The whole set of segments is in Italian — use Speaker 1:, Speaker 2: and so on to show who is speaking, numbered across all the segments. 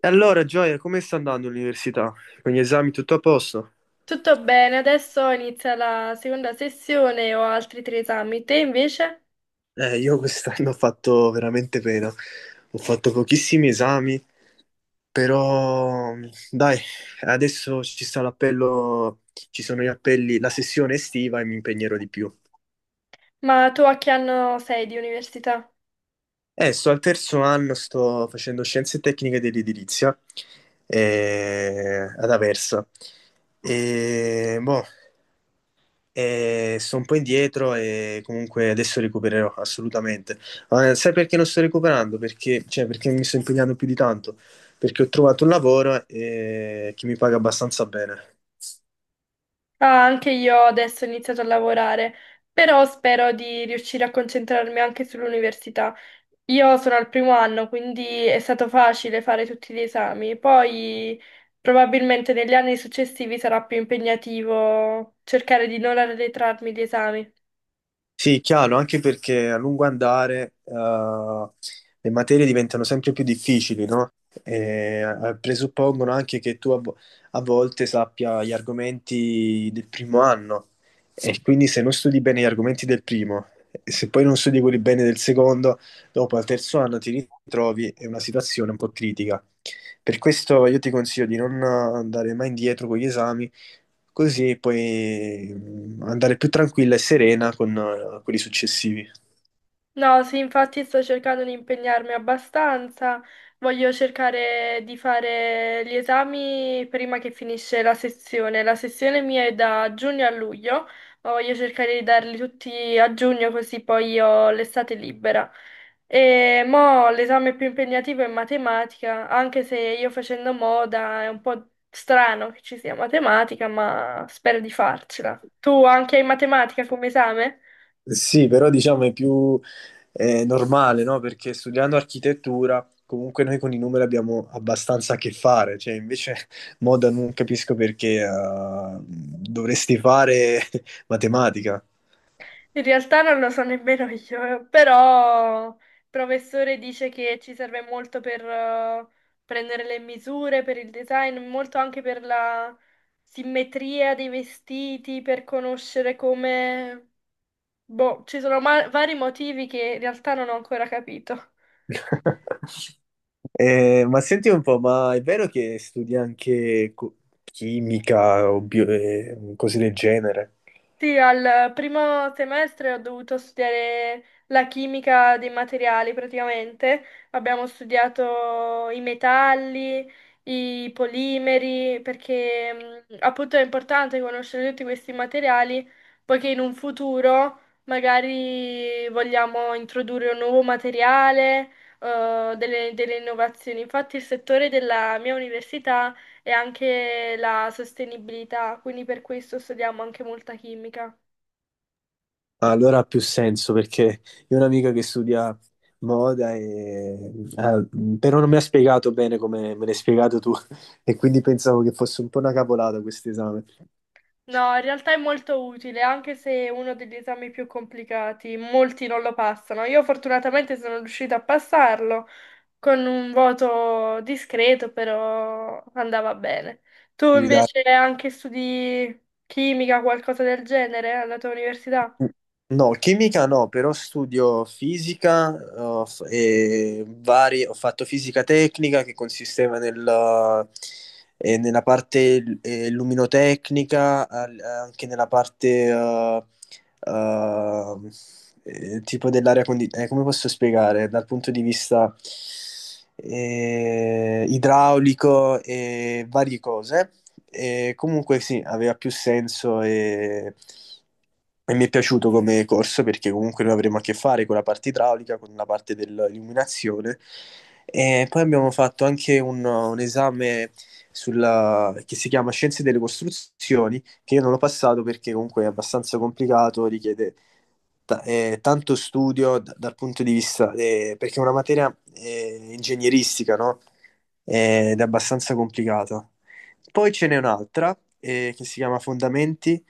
Speaker 1: E allora, Gioia, come sta andando l'università? Con gli esami tutto a posto?
Speaker 2: Tutto bene, adesso inizia la seconda sessione e ho altri tre esami. Te invece?
Speaker 1: Io quest'anno ho fatto veramente pena. Ho fatto pochissimi esami, però dai, adesso ci sta l'appello, ci sono gli appelli, la sessione estiva e mi impegnerò di più.
Speaker 2: Ma tu a che anno sei di università?
Speaker 1: Sto al terzo anno, sto facendo scienze tecniche dell'edilizia ad Aversa. E boh, e sto un po' indietro e comunque adesso recupererò assolutamente. Ma sai perché non sto recuperando? Perché, cioè, perché mi sto impegnando più di tanto? Perché ho trovato un lavoro che mi paga abbastanza bene.
Speaker 2: Ah, anche io adesso ho iniziato a lavorare, però spero di riuscire a concentrarmi anche sull'università. Io sono al primo anno, quindi è stato facile fare tutti gli esami. Poi probabilmente negli anni successivi sarà più impegnativo cercare di non arretrarmi gli esami.
Speaker 1: Sì, chiaro, anche perché a lungo andare le materie diventano sempre più difficili, no? Presuppongono anche che tu a volte sappia gli argomenti del primo anno e quindi se non studi bene gli argomenti del primo e se poi non studi quelli bene del secondo, dopo al terzo anno ti ritrovi in una situazione un po' critica. Per questo io ti consiglio di non andare mai indietro con gli esami. Così puoi andare più tranquilla e serena con quelli successivi.
Speaker 2: No, sì, infatti sto cercando di impegnarmi abbastanza. Voglio cercare di fare gli esami prima che finisce la sessione. La sessione mia è da giugno a luglio, ma voglio cercare di darli tutti a giugno così poi ho l'estate libera. E mo l'esame più impegnativo è matematica, anche se io facendo moda è un po' strano che ci sia matematica, ma spero di farcela. Tu anche hai matematica come esame?
Speaker 1: Sì, però diciamo è più normale, no? Perché studiando architettura, comunque noi con i numeri abbiamo abbastanza a che fare, cioè invece moda non capisco perché dovresti fare matematica.
Speaker 2: In realtà non lo so nemmeno io, però il professore dice che ci serve molto per prendere le misure, per il design, molto anche per la simmetria dei vestiti, per conoscere come... Boh, ci sono vari motivi che in realtà non ho ancora capito.
Speaker 1: Ma senti un po', ma è vero che studi anche chimica o cose del genere?
Speaker 2: Sì, al primo semestre ho dovuto studiare la chimica dei materiali praticamente. Abbiamo studiato i metalli, i polimeri, perché appunto è importante conoscere tutti questi materiali, poiché in un futuro magari vogliamo introdurre un nuovo materiale, delle innovazioni. Infatti il settore della mia università e anche la sostenibilità, quindi per questo studiamo anche molta chimica.
Speaker 1: Allora ha più senso perché io ho un'amica che studia moda e però non mi ha spiegato bene come me l'hai spiegato tu e quindi pensavo che fosse un po' una cavolata questo esame.
Speaker 2: No, in realtà è molto utile, anche se è uno degli esami più complicati, molti non lo passano. Io fortunatamente sono riuscita a passarlo con un voto discreto, però andava bene. Tu
Speaker 1: Quindi dai.
Speaker 2: invece anche studi chimica, qualcosa del genere alla tua università?
Speaker 1: No, chimica no, però studio fisica, e vari, ho fatto fisica tecnica che consisteva nella parte luminotecnica, anche nella parte eh, tipo dell'aria condizionata, come posso spiegare? Dal punto di vista idraulico e varie cose. E comunque sì, aveva più senso e mi è piaciuto come corso perché comunque noi avremo a che fare con la parte idraulica, con la parte dell'illuminazione. E poi abbiamo fatto anche un esame che si chiama Scienze delle Costruzioni, che io non l'ho passato perché comunque è abbastanza complicato, richiede tanto studio dal punto di vista, perché è una materia ingegneristica, no? Ed è abbastanza complicata. Poi ce n'è un'altra che si chiama Fondamenti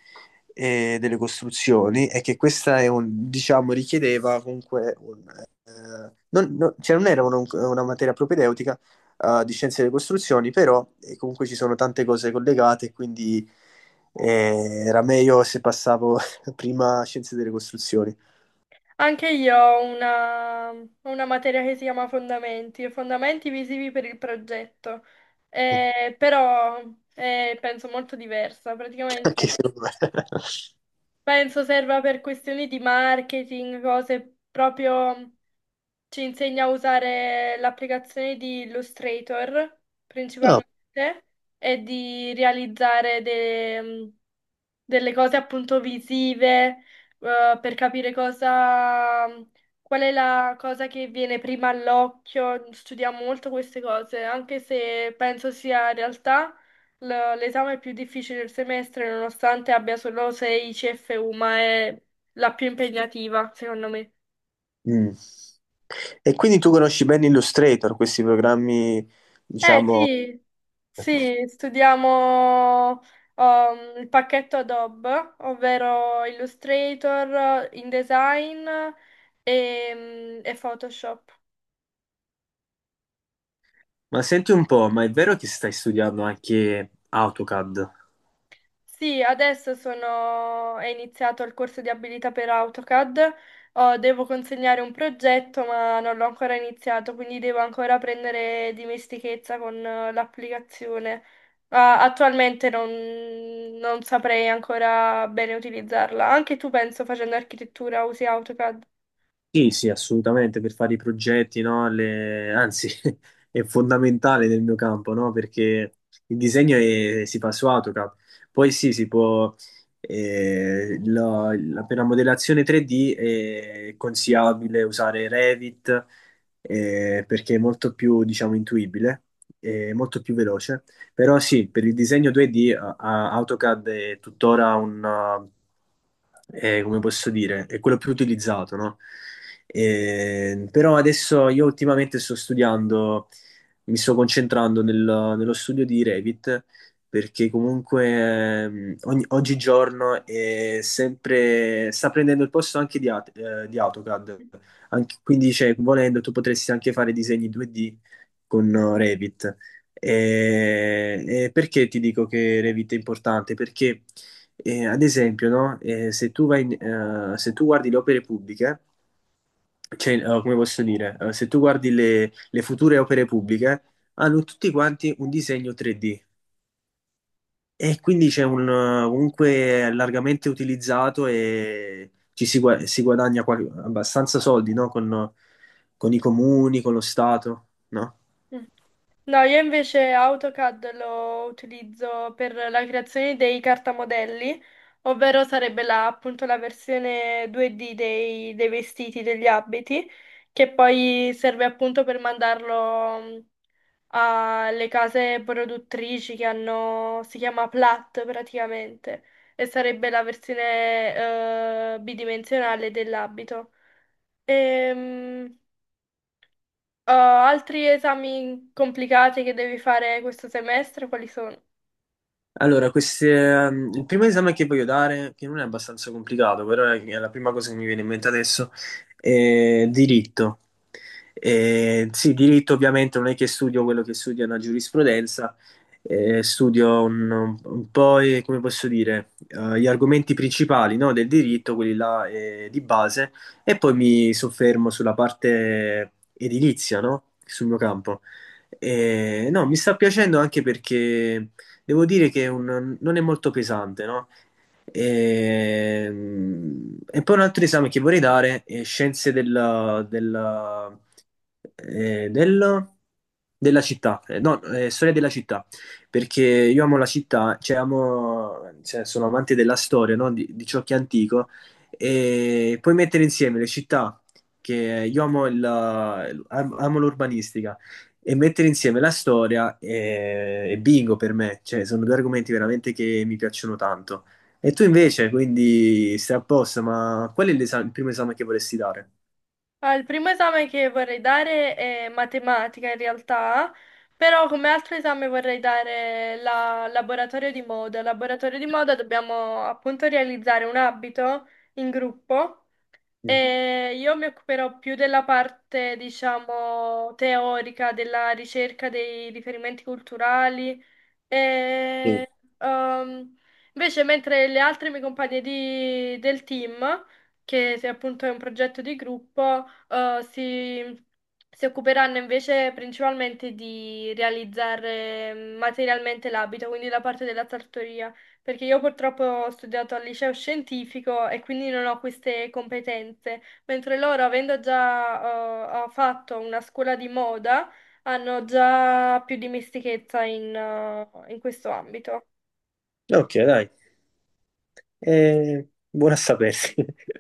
Speaker 1: delle Costruzioni, e che questa è diciamo, richiedeva comunque un, non, non- cioè non era una materia propedeutica di Scienze delle Costruzioni, però comunque ci sono tante cose collegate, quindi era meglio se passavo prima Scienze delle Costruzioni.
Speaker 2: Anche io ho una materia che si chiama Fondamenti, e fondamenti visivi per il progetto, eh, però penso molto diversa, praticamente
Speaker 1: Anche secondo me.
Speaker 2: penso serva per questioni di marketing, cose proprio ci insegna a usare l'applicazione di Illustrator
Speaker 1: No.
Speaker 2: principalmente e di realizzare delle cose appunto visive, per capire cosa, qual è la cosa che viene prima all'occhio. Studiamo molto queste cose, anche se penso sia in realtà l'esame più difficile del semestre, nonostante abbia solo 6 CFU, ma è la più impegnativa, secondo me.
Speaker 1: Mm. E quindi tu conosci bene Illustrator, questi programmi,
Speaker 2: Eh
Speaker 1: diciamo.
Speaker 2: sì. Sì, studiamo il pacchetto Adobe, ovvero Illustrator, InDesign e Photoshop.
Speaker 1: Ma senti un po', ma è vero che stai studiando anche AutoCAD?
Speaker 2: Sì, adesso sono... è iniziato il corso di abilità per AutoCAD. Oh, devo consegnare un progetto, ma non l'ho ancora iniziato, quindi devo ancora prendere dimestichezza con l'applicazione. Ah, attualmente non... non saprei ancora bene utilizzarla. Anche tu, penso, facendo architettura, usi AutoCAD.
Speaker 1: Sì, sì, assolutamente, per fare i progetti, no? Anzi, è fondamentale nel mio campo, no? Perché il disegno si fa su AutoCAD. Poi sì, si può... Per la modellazione 3D è consigliabile usare Revit, perché è molto più, diciamo, intuibile, è molto più veloce. Però sì, per il disegno 2D AutoCAD è tuttora come posso dire, è quello più utilizzato, no? Però adesso io ultimamente sto studiando, mi sto concentrando nello studio di Revit, perché comunque oggigiorno è sempre, sta prendendo il posto anche di AutoCAD. Quindi, cioè, volendo, tu potresti anche fare disegni 2D con Revit. Perché ti dico che Revit è importante? Perché, ad esempio, no? Se tu se tu guardi le opere pubbliche, cioè, come posso dire, eh, se tu guardi le future opere pubbliche, hanno tutti quanti un disegno 3D e quindi c'è un comunque largamente utilizzato e si guadagna abbastanza soldi, no? Con i comuni, con lo Stato, no?
Speaker 2: Mm. No, io invece AutoCAD lo utilizzo per la creazione dei cartamodelli, ovvero sarebbe la, appunto la versione 2D dei vestiti, degli abiti, che poi serve appunto per mandarlo alle case produttrici che hanno, si chiama Plat praticamente, e sarebbe la versione bidimensionale dell'abito. Ehm, Altri esami complicati che devi fare questo semestre, quali sono?
Speaker 1: Allora, queste, il primo esame che voglio dare, che non è abbastanza complicato, però è la prima cosa che mi viene in mente adesso, è diritto. Sì, diritto ovviamente non è che studio quello che studia la giurisprudenza, studio un po', come posso dire, gli argomenti principali, no, del diritto, quelli là, di base, e poi mi soffermo sulla parte edilizia, no, sul mio campo. No, mi sta piacendo anche perché... Devo dire che è non è molto pesante, no? E, e poi un altro esame che vorrei dare è Scienze eh, del- della Città. No, Storia della Città, perché io amo la città, cioè amo, cioè, sono amante della storia, no? Di ciò che è antico, e puoi mettere insieme le città, che io amo, amo l'urbanistica, e mettere insieme la storia e bingo per me, cioè sono due argomenti veramente che mi piacciono tanto. E tu invece, quindi stai a posto, ma qual è il primo esame che vorresti dare?
Speaker 2: Ah, il primo esame che vorrei dare è matematica in realtà, però come altro esame vorrei dare la laboratorio di moda. Al Laboratorio di moda dobbiamo appunto realizzare un abito in gruppo
Speaker 1: Mm.
Speaker 2: e io mi occuperò più della parte, diciamo, teorica, della ricerca dei riferimenti culturali.
Speaker 1: Mm.
Speaker 2: E, ehm, invece, mentre le altre mie compagne del team, che se appunto è un progetto di gruppo, si occuperanno invece principalmente di realizzare mm, materialmente l'abito, quindi la parte della sartoria, perché io purtroppo ho studiato al liceo scientifico e quindi non ho queste competenze, mentre loro, avendo già fatto una scuola di moda, hanno già più dimestichezza in, in questo ambito.
Speaker 1: Ok, dai. Eh, buona a sapersi.